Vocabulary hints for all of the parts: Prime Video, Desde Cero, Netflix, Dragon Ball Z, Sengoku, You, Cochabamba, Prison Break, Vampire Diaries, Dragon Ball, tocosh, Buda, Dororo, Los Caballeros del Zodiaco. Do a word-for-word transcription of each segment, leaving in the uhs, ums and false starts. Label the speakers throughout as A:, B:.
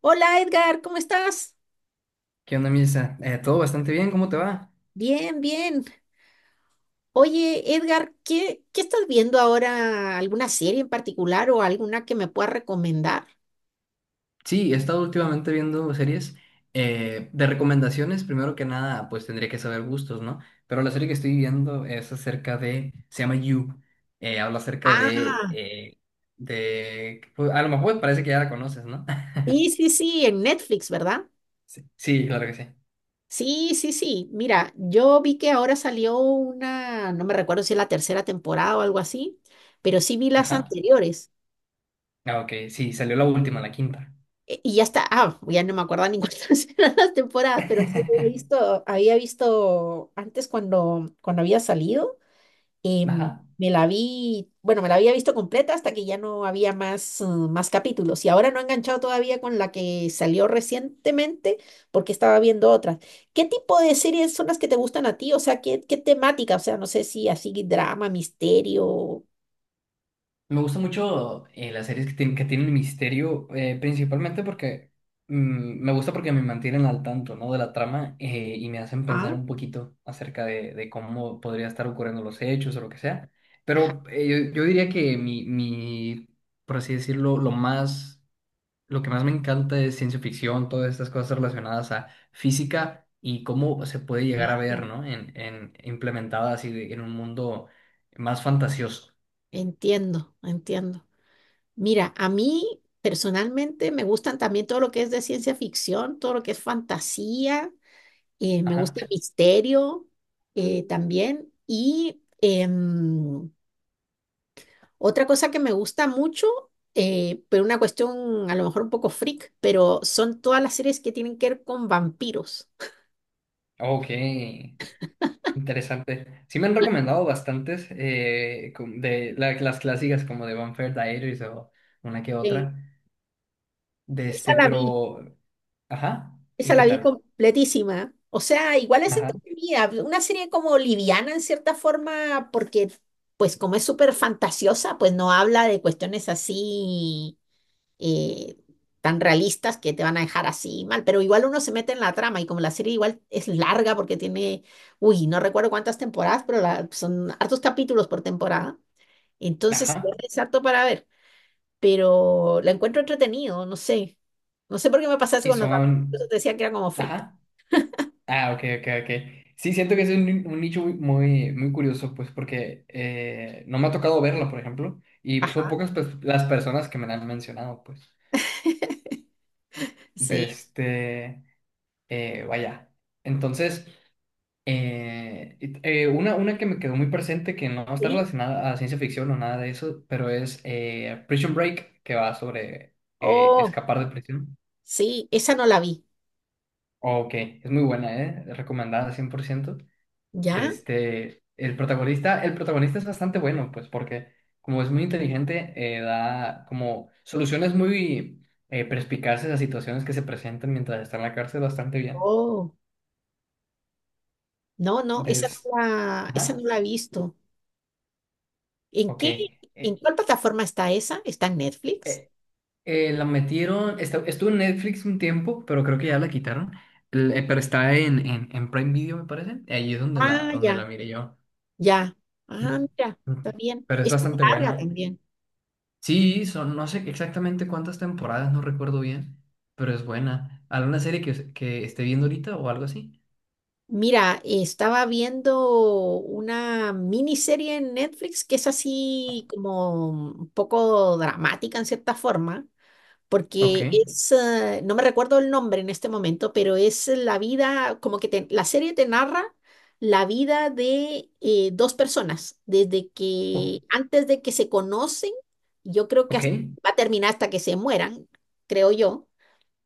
A: Hola Edgar, ¿cómo estás?
B: ¿Qué onda, Misa? Eh, todo bastante bien, ¿cómo te va?
A: Bien, bien. Oye Edgar, ¿qué, qué estás viendo ahora? ¿Alguna serie en particular o alguna que me puedas recomendar?
B: Sí, he estado últimamente viendo series eh, de recomendaciones. Primero que nada, pues tendría que saber gustos, ¿no? Pero la serie que estoy viendo es acerca de, se llama You. Eh, habla acerca de,
A: Ah,
B: eh, de, pues, a lo mejor parece que ya la conoces, ¿no?
A: sí, sí, sí, en Netflix, ¿verdad?
B: Sí, sí, claro que sí.
A: Sí, sí, sí. Mira, yo vi que ahora salió una, no me recuerdo si es la tercera temporada o algo así, pero sí vi las
B: Ajá.
A: anteriores.
B: Ah, ok, sí, salió la última, la quinta.
A: E- Y ya está, ah, ya no me acuerdo ni cuántas eran las temporadas, pero sí he visto, había visto antes cuando, cuando había salido. Em,
B: Ajá.
A: Me la vi, bueno, me la había visto completa hasta que ya no había más, eh, más capítulos y ahora no he enganchado todavía con la que salió recientemente porque estaba viendo otras. ¿Qué tipo de series son las que te gustan a ti? O sea, ¿qué, qué temática? O sea, no sé si así drama, misterio.
B: Me gusta mucho eh, las series que, tienen que tienen misterio, eh, principalmente porque mm, me gusta porque me mantienen al tanto, ¿no?, de la trama eh, y me hacen pensar
A: Ah,
B: un poquito acerca de, de cómo podría estar ocurriendo los hechos o lo que sea.
A: ajá.
B: Pero eh, yo, yo diría que mi, mi, por así decirlo, lo más, lo que más me encanta es ciencia ficción, todas estas cosas relacionadas a física y cómo se puede llegar a
A: Ah,
B: ver, ¿no? En, en, implementadas así de- en un mundo más fantasioso.
A: entiendo, entiendo. Mira, a mí personalmente me gustan también todo lo que es de ciencia ficción, todo lo que es fantasía. Eh, me
B: Ajá.
A: gusta el misterio eh, también. Y em, otra cosa que me gusta mucho, eh, pero una cuestión a lo mejor un poco freak, pero son todas las series que tienen que ver con vampiros.
B: Ok, interesante. Sí me han recomendado bastantes eh, com- de la- las clásicas como de Vampire Diaries o una que
A: Sí.
B: otra. De
A: Esa
B: este,
A: la vi,
B: pero... Ajá.
A: esa
B: ¿Y qué
A: la vi
B: tal?
A: completísima. O sea, igual es
B: Ajá.
A: entretenida, una serie como liviana en cierta forma, porque pues como es súper fantasiosa, pues no habla de cuestiones así eh, tan realistas que te van a dejar así mal, pero igual uno se mete en la trama y como la serie igual es larga porque tiene, uy, no recuerdo cuántas temporadas, pero la- son hartos capítulos por temporada, entonces igual
B: Ajá.
A: es harto para ver, pero la encuentro entretenido, no sé, no sé por qué me pasa eso
B: Y
A: con los dramas, entonces
B: son...
A: decía que era como freak.
B: Ajá. Ah, ok, ok, ok. Sí, siento que es un, un nicho muy, muy, muy curioso, pues porque eh, no me ha tocado verlo, por ejemplo. Y pues, son
A: Ajá,
B: pocas pues, las personas que me la han mencionado, pues. De
A: sí,
B: este... eh, vaya. Entonces... Eh, it- eh, una, una que me quedó muy presente, que no está
A: sí,
B: relacionada a ciencia ficción o nada de eso, pero es eh, Prison Break, que va sobre eh,
A: oh,
B: escapar de prisión.
A: sí, esa no la vi,
B: Ok, es muy buena, ¿eh? Recomendada cien por ciento. De
A: ¿ya?
B: este, el protagonista, el protagonista es bastante bueno, pues porque como es muy inteligente, eh, da como soluciones muy eh, perspicaces a situaciones que se presentan mientras está en la cárcel. Bastante bien.
A: Oh, no, no, esa
B: Des...
A: no la, esa
B: Ajá,
A: no la he visto. ¿En
B: ok.
A: qué, ¿en
B: Eh,
A: cuál plataforma está esa? ¿Está en Netflix?
B: eh, Eh, la metieron, esta- estuvo en Netflix un tiempo, pero creo que ya la quitaron. El- eh, pero está en, en, en Prime Video, me parece. Ahí es donde la,
A: Ah,
B: donde la
A: ya,
B: miré yo.
A: ya. Ah, mira, está
B: Mm.
A: bien.
B: Pero es
A: Está
B: bastante
A: larga
B: buena.
A: también.
B: Sí, son, no sé exactamente cuántas temporadas, no recuerdo bien, pero es buena. ¿Alguna serie que, que esté viendo ahorita o algo así?
A: Mira, estaba viendo una miniserie en Netflix que es así como un poco dramática en cierta forma,
B: Ok.
A: porque es, eh, no me recuerdo el nombre en este momento, pero es la vida, como que te- la serie te narra la vida de eh, dos personas, desde
B: O-
A: que, antes de que se conocen, yo creo que hasta-
B: ok.
A: va a terminar hasta que se mueran, creo yo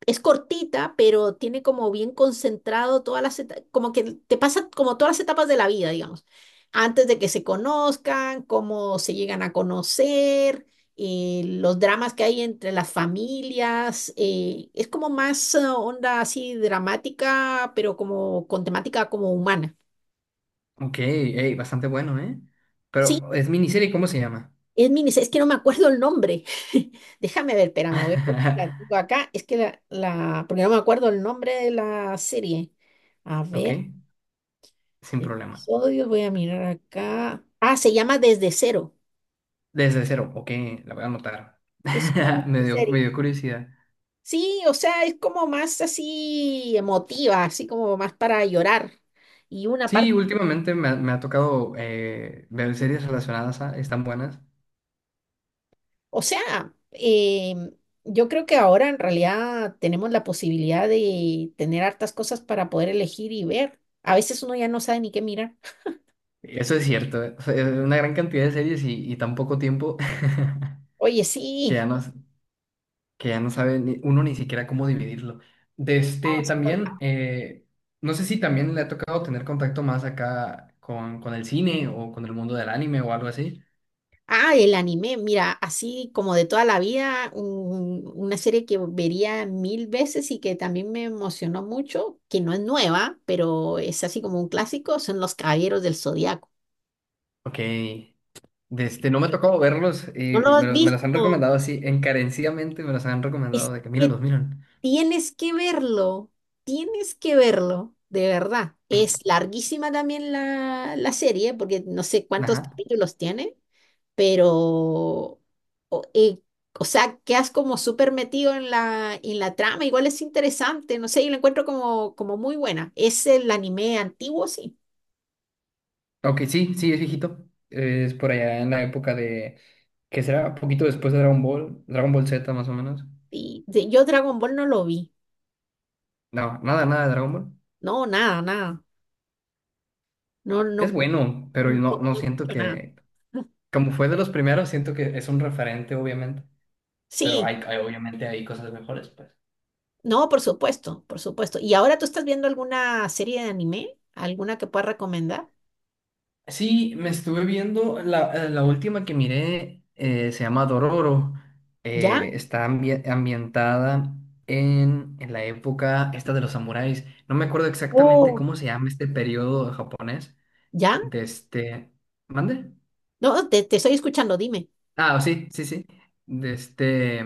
A: es cortita, pero tiene como bien concentrado todas las etapas, como que te pasa como todas las etapas de la vida, digamos, antes de que se conozcan, cómo se llegan a conocer, eh, los dramas que hay entre las familias, eh, es como más eh, onda así dramática, pero como con temática como humana.
B: Ok. Ey, bastante bueno, ¿eh?
A: Sí,
B: Pero es miniserie, ¿cómo se llama?
A: es mini, es que no me acuerdo el nombre. Déjame ver, espérame, voy a ver si la tengo acá, es que la, la, porque no me acuerdo el nombre de la serie. A
B: Ok,
A: ver.
B: sin problema.
A: Episodios, voy a mirar acá. Ah, se llama Desde Cero.
B: Desde Cero, ok, la voy a anotar.
A: Es una
B: Me dio, me
A: serie.
B: dio curiosidad.
A: Sí, o sea, es como más así emotiva, así como más para llorar. Y una
B: Sí,
A: parte,
B: últimamente me ha, me ha tocado eh, ver series relacionadas a, están buenas.
A: o sea, eh, yo creo que ahora en realidad tenemos la posibilidad de tener hartas cosas para poder elegir y ver. A veces uno ya no sabe ni qué mirar.
B: Eso es cierto, eh. O sea, es una gran cantidad de series y, y tan poco tiempo
A: Oye,
B: que ya
A: sí.
B: no, que ya no sabe ni- uno ni siquiera cómo dividirlo. De este
A: Vamos.
B: también, eh, no sé si también le ha tocado tener contacto más acá con, con el cine o con el mundo del anime o algo así.
A: Ah, el anime, mira, así como de toda la vida, un- una serie que vería mil veces y que también me emocionó mucho, que no es nueva, pero es así como un clásico, son Los Caballeros del Zodiaco.
B: Ok. De este, no me ha tocado verlos
A: ¿No
B: y
A: lo
B: me,
A: has
B: los- me los han
A: visto?
B: recomendado así, encarecidamente me los han
A: Es
B: recomendado de que
A: que
B: mírenlos, miren.
A: tienes que verlo, tienes que verlo, de verdad. Es larguísima también la, la serie, porque no sé cuántos
B: Ajá.
A: capítulos tiene. Pero, o, eh, o sea, quedas como súper metido en la, en la trama, igual es interesante, no sé, yo lo encuentro como, como muy buena. Es el anime antiguo, sí.
B: Ok, sí, sí, es viejito. Es por allá en la época de, que será poquito después de Dragon Ball, Dragon Ball Z más o menos.
A: Y de- yo Dragon Ball no lo vi,
B: No, nada, nada de Dragon Ball.
A: no, nada, nada, no,
B: Es
A: no, no,
B: bueno,
A: no,
B: pero no, no
A: no
B: siento
A: escucho nada.
B: que, como fue de los primeros, siento que es un referente, obviamente. Pero
A: Sí,
B: hay, hay- obviamente hay cosas mejores, pues.
A: no, por supuesto, por supuesto. ¿Y ahora tú estás viendo alguna serie de anime? ¿Alguna que puedas recomendar?
B: Sí, me estuve viendo la, eh, la última que miré, eh, se llama Dororo.
A: ¿Ya?
B: Eh, está ambi- ambientada en, en la época esta de los samuráis. No me acuerdo exactamente
A: Oh,
B: cómo se llama este periodo japonés.
A: ¿ya?
B: De este. ¿Mande?
A: No, te, te estoy escuchando, dime.
B: Ah, sí, sí, sí. De este.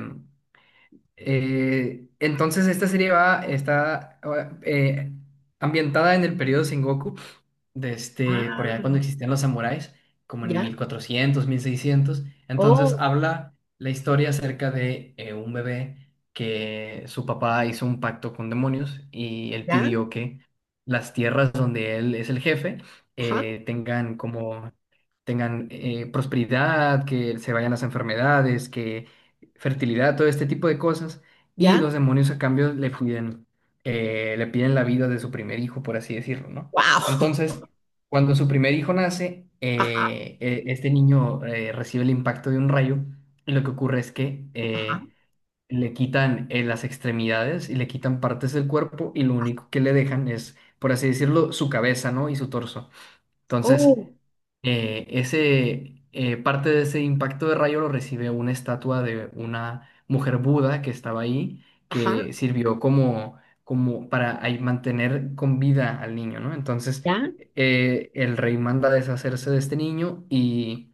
B: Eh, entonces esta serie va, está eh, ambientada en el periodo Sengoku, de
A: Ah,
B: este, por allá cuando existían los samuráis, como en
A: ¿ya?
B: mil cuatrocientos, mil seiscientos. Entonces
A: Oh,
B: habla la historia acerca de eh, un bebé que su papá hizo un pacto con demonios y él
A: ¿ya?
B: pidió que las tierras donde él es el jefe
A: Ajá,
B: eh, tengan como tengan eh, prosperidad, que se vayan las enfermedades, que fertilidad, todo este tipo de cosas, y
A: ya,
B: los demonios a cambio le piden, eh, le piden la vida de su primer hijo, por así decirlo, ¿no?
A: wow.
B: Entonces, cuando su primer hijo nace,
A: Ajá,
B: eh, eh, este niño eh, recibe el impacto de un rayo y lo que ocurre es que
A: ajá.
B: eh, le quitan eh, las extremidades y le quitan partes del cuerpo, y lo único que le dejan es, por así decirlo, su cabeza, ¿no? Y su torso. Entonces,
A: Oh,
B: eh, ese, eh, parte de ese impacto de rayo lo recibe una estatua de una mujer Buda que estaba ahí,
A: ajá,
B: que sirvió como, como para ahí mantener con vida al niño, ¿no? Entonces,
A: ya,
B: eh, el rey manda a deshacerse de este niño y,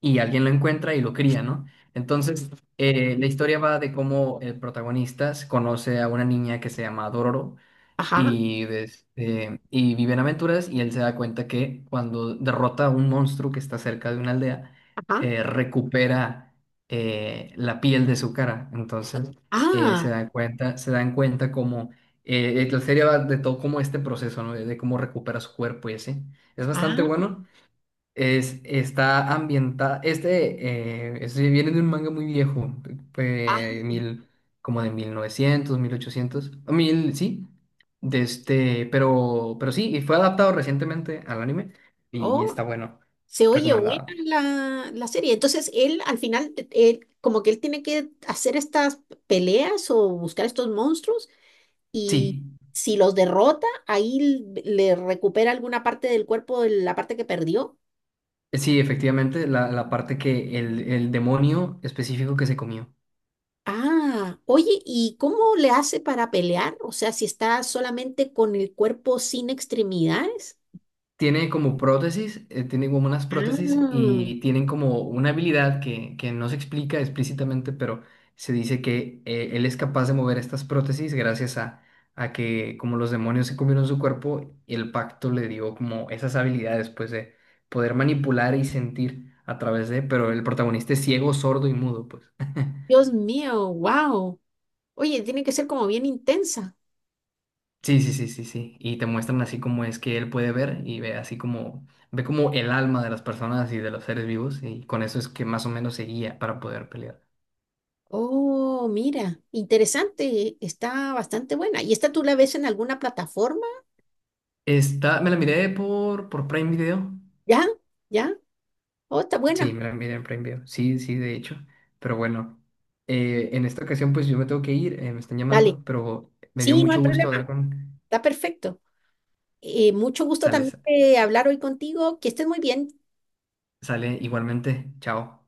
B: y alguien lo encuentra y lo cría, ¿no? Entonces, eh, la historia va de cómo el protagonista conoce a una niña que se llama Dororo
A: ajá,
B: y, des- eh, y viven aventuras, y él se da cuenta que cuando derrota a un monstruo que está cerca de una aldea,
A: ajá.
B: eh, recupera eh, la piel de su cara. Entonces eh, se
A: Ah,
B: dan cuenta, se dan cuenta como eh, la serie va de todo como este proceso, ¿no? De, de cómo recupera su cuerpo y así. Es bastante
A: ah,
B: bueno. Es, está ambientada. Este, eh, este viene de un manga muy viejo, eh,
A: ah.
B: mil, como de mil novecientos, mil ochocientos, o mil, sí. De este, pero, pero sí, y fue adaptado recientemente al anime, y, y
A: Oh,
B: está bueno.
A: se oye buena
B: Recomendado.
A: la, la serie. Entonces, él al final, te- él, como que él tiene que hacer estas peleas o buscar estos monstruos
B: Sí,
A: y si los derrota, ahí l- le recupera alguna parte del cuerpo, de la parte que perdió.
B: sí, efectivamente, la, la parte que el, el demonio específico que se comió.
A: Ah, oye, ¿y cómo le hace para pelear? O sea, si está solamente con el cuerpo sin extremidades.
B: Tiene como prótesis, eh, tiene como unas prótesis,
A: Ah,
B: y tienen como una habilidad que, que no se explica explícitamente, pero se dice que eh, él es capaz de mover estas prótesis gracias a, a que como los demonios se comieron su cuerpo, el pacto le dio como esas habilidades pues de poder manipular y sentir a través de, pero el protagonista es ciego, sordo y mudo, pues.
A: Dios mío, wow. Oye, tiene que ser como bien intensa.
B: Sí, sí, sí, sí, sí. Y te muestran así como es que él puede ver, y ve así como, ve como el alma de las personas y de los seres vivos, y con eso es que más o menos se guía para poder pelear.
A: Oh, mira, interesante, está bastante buena. ¿Y esta tú la ves en alguna plataforma?
B: Está, me la miré por, por Prime Video.
A: ¿Ya? ¿Ya? Oh, está
B: Sí,
A: buena.
B: me la miré en Prime Video. Sí, sí, de hecho. Pero bueno, eh, en esta ocasión pues yo me tengo que ir, eh, me están
A: Dale.
B: llamando, pero me dio
A: Sí, no hay
B: mucho gusto
A: problema,
B: hablar con...
A: está perfecto. Eh, mucho gusto
B: Sale,
A: también de hablar hoy contigo. Que estés muy bien.
B: sale igualmente. Chao.